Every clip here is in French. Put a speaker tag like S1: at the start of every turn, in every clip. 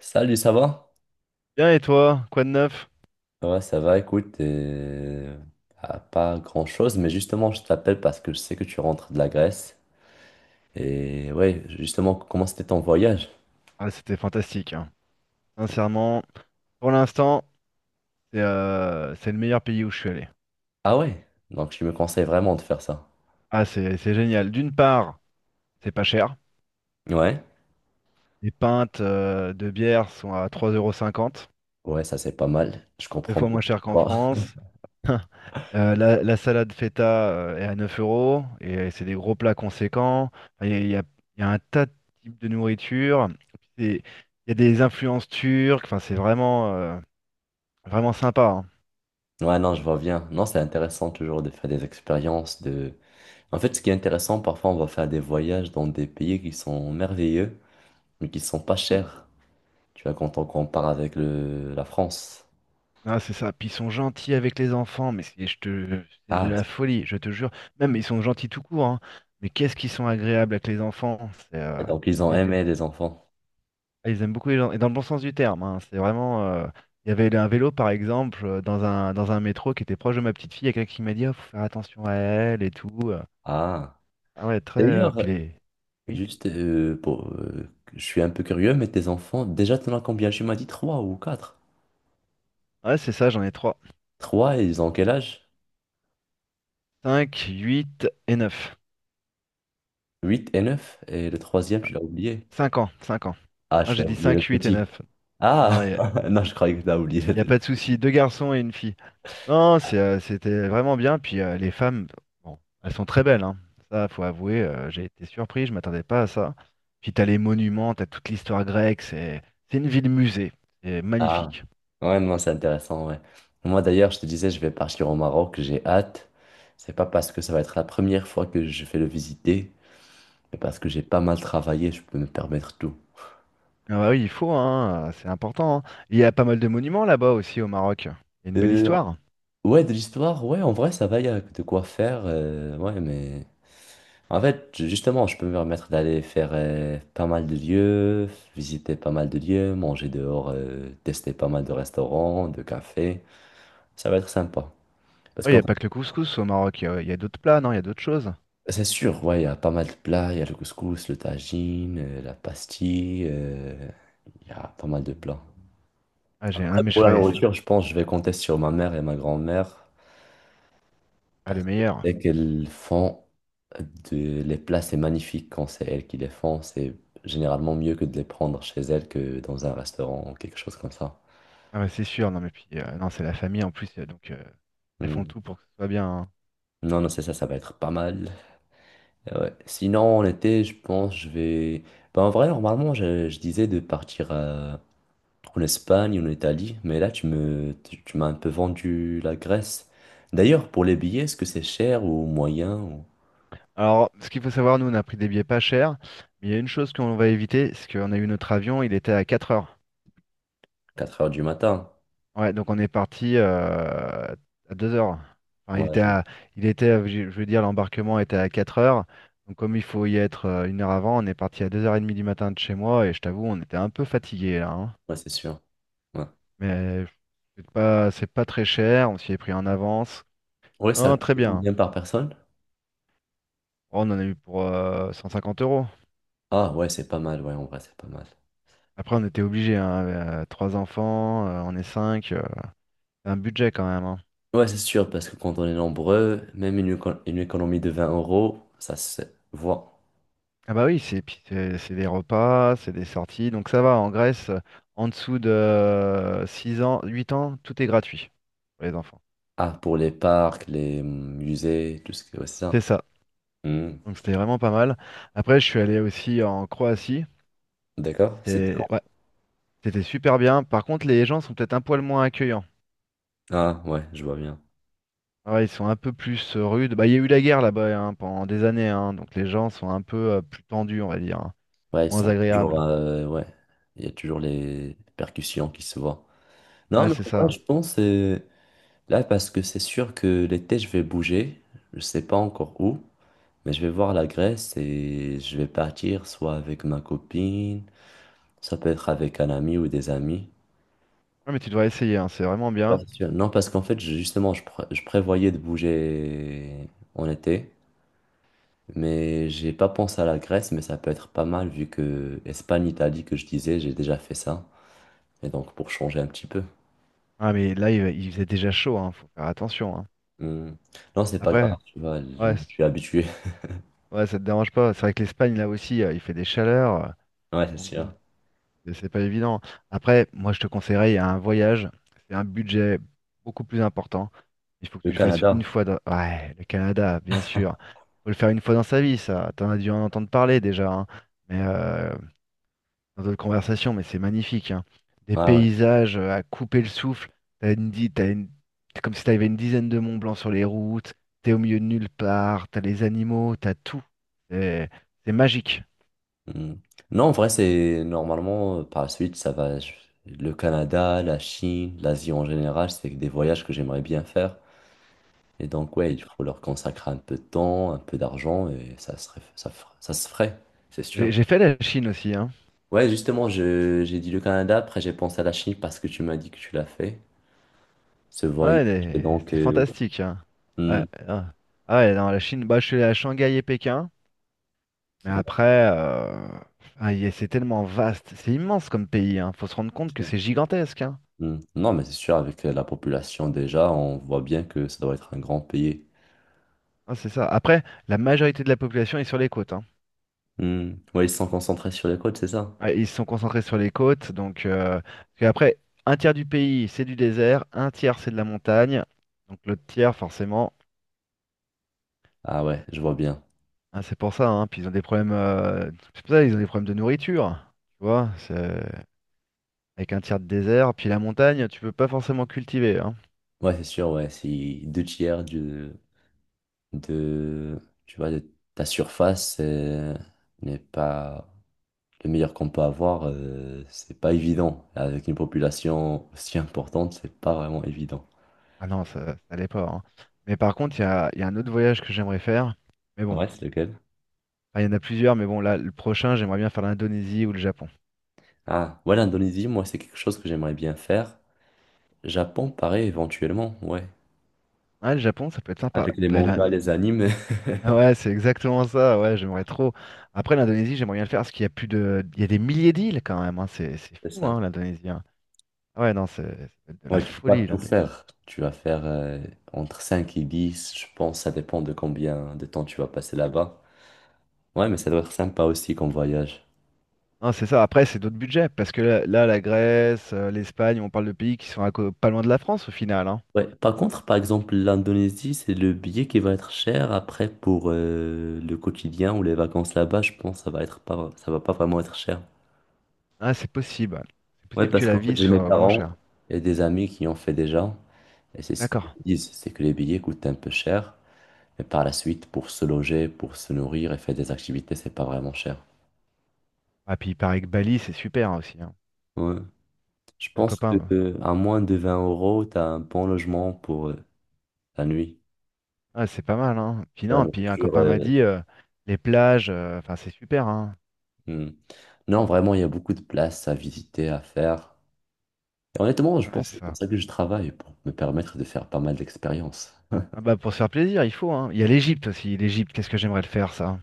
S1: Salut, ça va?
S2: Bien et toi, quoi de neuf?
S1: Ouais, ça va, écoute, ah, pas grand-chose, mais justement, je t'appelle parce que je sais que tu rentres de la Grèce. Et ouais, justement, comment c'était ton voyage?
S2: Ah, c'était fantastique, hein. Sincèrement, pour l'instant, c'est le meilleur pays où je suis allé.
S1: Ah ouais, donc je me conseille vraiment de faire ça.
S2: Ah, c'est génial. D'une part, c'est pas cher.
S1: Ouais,
S2: Les pintes de bière sont à 3,50 euros, cinquante,
S1: ouais, ça c'est pas mal, je
S2: deux
S1: comprends
S2: fois
S1: bien.
S2: moins cher qu'en
S1: Bon.
S2: France. La salade feta est à 9 euros et c'est des gros plats conséquents. Enfin, Il y a, il y a- il y a un tas de types de nourriture. C'est- Il y a des influences turques. Enfin, c'est vraiment sympa, hein.
S1: Ouais, non, je vois bien. Non, c'est intéressant toujours de faire des expériences, en fait, ce qui est intéressant, parfois, on va faire des voyages dans des pays qui sont merveilleux, mais qui sont pas chers. Tu vois, quand on compare avec la France.
S2: Ah, c'est ça. Puis ils sont gentils avec les enfants, mais c'est de
S1: Ah,
S2: la folie, je te jure. Même ils sont gentils tout court, hein. Mais qu'est-ce qu'ils sont agréables avec les enfants. C'est,
S1: et donc, ils ont
S2: y a-
S1: aimé les enfants.
S2: ah, ils aiment beaucoup les gens, et dans le bon sens du terme, hein. C'est vraiment. Il y avait un vélo, par exemple, dans un métro qui était proche de ma petite fille. Il y a quelqu'un qui m'a dit, oh, faut faire attention à elle et tout.
S1: Ah.
S2: Ah ouais, très.
S1: D'ailleurs,
S2: Puis les... Oui.
S1: juste je suis un peu curieux, mais tes enfants, déjà, t'en as combien? Tu m'as dit trois ou quatre.
S2: Ouais, c'est ça, j'en ai trois.
S1: Trois, ils ont quel âge?
S2: Cinq, huit et 9.
S1: Huit et neuf. Et le troisième, tu l'as oublié.
S2: 5 ans, 5 ans.
S1: Ah,
S2: Ah,
S1: tu
S2: j'ai
S1: l'as
S2: dit
S1: oublié
S2: 5,
S1: le
S2: 8 et
S1: petit.
S2: 9.
S1: Ah, non, je croyais que tu l'as oublié.
S2: Il n'y a pas de souci, deux garçons et une fille. Non, c'était vraiment bien. Puis les femmes, bon, elles sont très belles, hein. Ça, faut avouer, j'ai été surpris, je m'attendais pas à ça. Puis t'as les monuments, t'as toute l'histoire grecque, c'est une ville musée, c'est
S1: Ah,
S2: magnifique.
S1: ouais, non, c'est intéressant, ouais. Moi, d'ailleurs, je te disais, je vais partir au Maroc, j'ai hâte. C'est pas parce que ça va être la première fois que je vais le visiter, mais parce que j'ai pas mal travaillé, je peux me permettre tout.
S2: Ah bah oui, il faut, hein, c'est important, hein. Il y a pas mal de monuments là-bas aussi au Maroc. Il y a une belle
S1: Euh,
S2: histoire.
S1: Ouais, de l'histoire, ouais, en vrai, ça va, il y a de quoi faire, ouais. En fait, justement, je peux me permettre d'aller faire pas mal de lieux, visiter pas mal de lieux, manger dehors, tester pas mal de restaurants, de cafés. Ça va être sympa. Parce
S2: Oui, il
S1: que
S2: n'y a pas que le couscous au Maroc, il y a d'autres plats, non, il y a d'autres choses.
S1: c'est sûr, ouais, il y a pas mal de plats, il y a le couscous, le tagine, la pastille, il y a pas mal de plats.
S2: Ah, non,
S1: Après,
S2: mais je
S1: pour la
S2: ferais.
S1: nourriture, je pense que je vais compter sur ma mère et ma grand-mère.
S2: Ah, le
S1: Parce que
S2: meilleur.
S1: c'est qu'elles font les plats, c'est magnifique quand c'est elles qui les font. C'est généralement mieux que de les prendre chez elles que dans un restaurant ou quelque chose comme ça.
S2: Ah ouais, c'est sûr, non mais puis non, c'est la famille en plus, donc elles font
S1: Hmm.
S2: tout pour que ce soit bien, hein.
S1: Non, non, c'est ça, ça va être pas mal. Ouais. Sinon, en été, je pense, je vais. Bah, en vrai, normalement, je disais de partir en Espagne ou en Italie, mais là, tu m'as un peu vendu la Grèce. D'ailleurs, pour les billets, est-ce que c'est cher ou moyen ou?
S2: Alors, ce qu'il faut savoir, nous, on a pris des billets pas chers, mais il y a une chose qu'on va éviter, c'est qu'on a eu notre avion, il était à 4 heures.
S1: Quatre heures du matin?
S2: Ouais, donc on est parti à 2 heures. Enfin,
S1: Ouais, je vois.
S2: je veux dire, l'embarquement était à 4 heures. Donc comme il faut y être une heure avant, on est parti à 2h30 du matin de chez moi, et je t'avoue, on était un peu fatigué là, hein.
S1: Ouais, c'est sûr. Ouais.
S2: Mais c'est pas très cher, on s'y est pris en avance.
S1: Ouais, ça
S2: Non,
S1: coûte
S2: très bien.
S1: combien par personne?
S2: Oh, on en a eu pour 150 euros.
S1: Ah ouais, c'est pas mal, ouais, en vrai, c'est pas mal.
S2: Après, on était obligé, hein, trois enfants, on est cinq, c'est un budget quand même, hein.
S1: Ouais, c'est sûr, parce que quand on est nombreux, même une économie de 20 euros, ça se voit.
S2: Ah bah oui, c'est puis c'est des repas, c'est des sorties, donc ça va. En Grèce, en dessous de 6 ans, 8 ans, tout est gratuit pour les enfants.
S1: Ah, pour les parcs, les musées, tout ce que ouais, c'est
S2: C'est
S1: ça.
S2: ça.
S1: Hmm.
S2: Donc c'était vraiment pas mal. Après, je suis allé aussi en Croatie.
S1: D'accord, c'est
S2: C'était, ouais,
S1: quand?
S2: c'était super bien. Par contre, les gens sont peut-être un poil moins accueillants.
S1: Ah ouais, je vois bien.
S2: Ouais, ils sont un peu plus rudes. Bah, il y a eu la guerre là-bas, hein, pendant des années, hein, donc les gens sont un peu plus tendus, on va dire, hein,
S1: Ouais, ils
S2: moins
S1: sont toujours,
S2: agréables.
S1: ouais, il y a toujours les percussions qui se voient. Non,
S2: Ouais,
S1: mais
S2: c'est
S1: en vrai,
S2: ça.
S1: je pense, là, parce que c'est sûr que l'été, je vais bouger, je sais pas encore où. Mais je vais voir la Grèce et je vais partir soit avec ma copine, ça peut être avec un ami ou des amis.
S2: Ouais, mais tu devrais essayer, hein, c'est vraiment
S1: Ouais,
S2: bien.
S1: c'est sûr. Non, parce qu'en fait, justement, je prévoyais de bouger en été, mais j'ai pas pensé à la Grèce, mais ça peut être pas mal vu que Espagne, Italie, que je disais, j'ai déjà fait ça. Et donc, pour changer un petit peu.
S2: Ah, mais là, il faisait déjà chaud, hein, faut faire attention, hein.
S1: Hmm. Non, c'est pas
S2: Après,
S1: grave, tu vois,
S2: ouais,
S1: je suis habitué.
S2: ouais, ça te dérange pas. C'est vrai que l'Espagne, là aussi, il fait des chaleurs. euh,
S1: Ouais, c'est
S2: donc
S1: sûr.
S2: bon. Et c'est pas évident. Après, moi, je te conseillerais il y a un voyage. C'est un budget beaucoup plus important. Il faut que
S1: Le
S2: tu le fasses une
S1: Canada.
S2: fois dans... Ouais, le Canada, bien sûr. Faut le faire une fois dans sa vie, ça. T'en as dû en entendre parler déjà, hein. Mais dans d'autres conversations, mais c'est magnifique, hein. Des
S1: Ouais, ouais.
S2: paysages à couper le souffle. T'as une... C'est comme si t'avais une dizaine de Mont Blanc sur les routes. T'es au milieu de nulle part. T'as les animaux, t'as tout. C'est c'est magique.
S1: Hmm. Non, en vrai, c'est normalement, par la suite, ça va. Le Canada, la Chine, l'Asie en général, c'est des voyages que j'aimerais bien faire. Et donc, ouais,
S2: Mais
S1: il faut leur consacrer un peu de temps, un peu d'argent, et ça serait, ça se ferait, c'est sûr.
S2: j'ai fait la Chine aussi, hein.
S1: Ouais, justement, j'ai dit le Canada, après j'ai pensé à la Chine parce que tu m'as dit que tu l'as fait, ce voyage.
S2: Ouais,
S1: Et donc,
S2: c'est fantastique, hein.
S1: hmm,
S2: Ouais, hein. Ah ouais, non, la Chine, bah, je suis allé à Shanghai et Pékin, mais après,
S1: ouais,
S2: c'est tellement vaste, c'est immense comme pays, hein. Faut se rendre compte
S1: c'est
S2: que
S1: sûr.
S2: c'est gigantesque, hein.
S1: Hmm. Non, mais c'est sûr, avec la population déjà, on voit bien que ça doit être un grand pays.
S2: Ah, c'est ça. Après, la majorité de la population est sur les côtes, hein.
S1: Hmm. Ouais, ils sont concentrés sur les côtes, c'est ça?
S2: Ouais, ils se sont concentrés sur les côtes, donc parce qu'après, un tiers du pays, c'est du désert, un tiers, c'est de la montagne, donc l'autre tiers, forcément,
S1: Ah ouais, je vois bien.
S2: hein, c'est pour ça, hein. Puis ils ont des problèmes, c'est pour ça, ils ont des problèmes de nourriture, tu vois, c'est... Avec un tiers de désert, puis la montagne, tu peux pas forcément cultiver, hein.
S1: Ouais, c'est sûr, ouais, si deux tiers de, tu vois, de ta surface n'est pas le meilleur qu'on peut avoir, c'est pas évident. Avec une population aussi importante, c'est pas vraiment évident.
S2: Ah non, ça allait pas, hein. Mais par contre, il y a un autre voyage que j'aimerais faire. Mais bon, enfin,
S1: Ouais, c'est lequel?
S2: il y en a plusieurs, mais bon, là, le prochain, j'aimerais bien faire l'Indonésie ou le Japon.
S1: Ah, ouais, l'Indonésie, moi, c'est quelque chose que j'aimerais bien faire. Japon, pareil, éventuellement, ouais.
S2: Ah, le Japon, ça peut être sympa.
S1: Avec les
S2: Bah, là,
S1: mangas, les animes,
S2: ah ouais, c'est exactement ça, ouais, j'aimerais trop. Après, l'Indonésie, j'aimerais bien le faire, parce qu'il y a plus de... Il y a des milliers d'îles, quand même, hein. C'est
S1: c'est
S2: fou,
S1: ça.
S2: hein, l'Indonésie, hein. Ah ouais, non, c'est de
S1: Moi,
S2: la
S1: je peux pas
S2: folie,
S1: tout
S2: l'Indonésie.
S1: faire. Tu vas faire entre 5 et 10, je pense, ça dépend de combien de temps tu vas passer là-bas. Ouais, mais ça doit être sympa aussi comme voyage.
S2: Non, c'est ça. Après, c'est d'autres budgets, parce que là, la Grèce, l'Espagne, on parle de pays qui sont pas loin de la France, au final, hein.
S1: Ouais, par contre, par exemple, l'Indonésie, c'est le billet qui va être cher. Après, pour le quotidien ou les vacances là-bas, je pense que ça va être pas, ça va pas vraiment être cher.
S2: Ah, c'est possible. C'est
S1: Ouais,
S2: possible que
S1: parce
S2: la
S1: qu'en fait,
S2: vie
S1: j'ai mes
S2: soit moins
S1: parents
S2: chère.
S1: et des amis qui ont fait déjà. Et c'est ce qu'ils
S2: D'accord.
S1: disent, c'est que les billets coûtent un peu cher. Mais par la suite, pour se loger, pour se nourrir et faire des activités, c'est pas vraiment cher.
S2: Ah, puis il paraît que Bali, c'est super aussi, hein.
S1: Ouais. Je
S2: Un
S1: pense que
S2: copain.
S1: à moins de 20 euros, tu as un bon logement pour la nuit.
S2: Ah, c'est pas mal, hein. Puis
S1: Et la
S2: non, puis un
S1: nourriture,
S2: copain m'a dit les plages, enfin, c'est super, hein.
S1: hmm. Non, vraiment, il y a beaucoup de places à visiter, à faire. Et honnêtement, je
S2: Ouais,
S1: pense que
S2: c'est
S1: c'est pour
S2: ça.
S1: ça que je travaille, pour me permettre de faire pas mal d'expériences.
S2: Ah bah pour se faire plaisir, il faut, hein. Il y a l'Égypte aussi. L'Égypte, qu'est-ce que j'aimerais le faire, ça?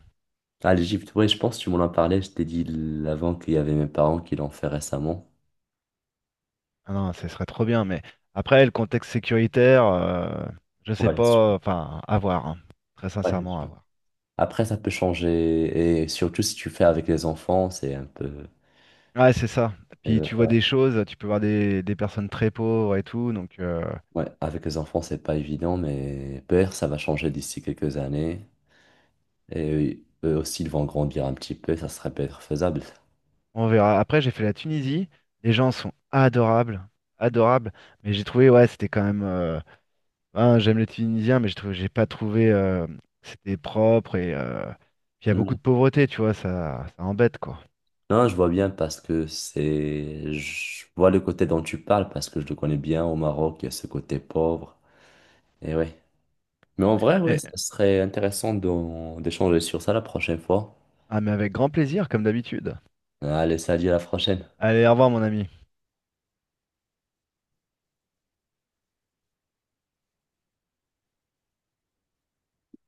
S1: Ah, l'Égypte, oui, je pense que tu m'en as parlé, je t'ai dit avant qu'il y avait mes parents qui l'ont fait récemment.
S2: Ah non, ce serait trop bien, mais après, le contexte sécuritaire, je sais
S1: Ouais, c'est sûr.
S2: pas, enfin, à voir, hein. Très
S1: Ouais, c'est
S2: sincèrement, à
S1: sûr.
S2: voir.
S1: Après, ça peut changer, et surtout si tu fais avec les enfants, c'est un peu...
S2: Ouais, c'est ça. Puis tu vois des choses, tu peux voir des personnes très pauvres et tout, donc.
S1: Ouais, avec les enfants, c'est pas évident, mais peut-être ça va changer d'ici quelques années. Et eux aussi, ils vont grandir un petit peu, ça serait peut-être faisable.
S2: On verra. Après, j'ai fait la Tunisie. Les gens sont adorables, adorables. Mais j'ai trouvé, ouais, c'était quand même. Ben, j'aime les Tunisiens, mais j'ai trouvé, j'ai pas trouvé. C'était propre et puis il y a
S1: Mm.
S2: beaucoup de pauvreté, tu vois, ça embête quoi.
S1: Non, je vois bien parce que c'est. Je vois le côté dont tu parles parce que je le connais bien au Maroc, il y a ce côté pauvre. Et ouais. Mais en vrai, ouais,
S2: Et-
S1: ça serait intéressant d'échanger sur ça la prochaine fois.
S2: ah, mais avec grand plaisir, comme d'habitude.
S1: Allez, salut, à la prochaine.
S2: Allez, au revoir, mon ami.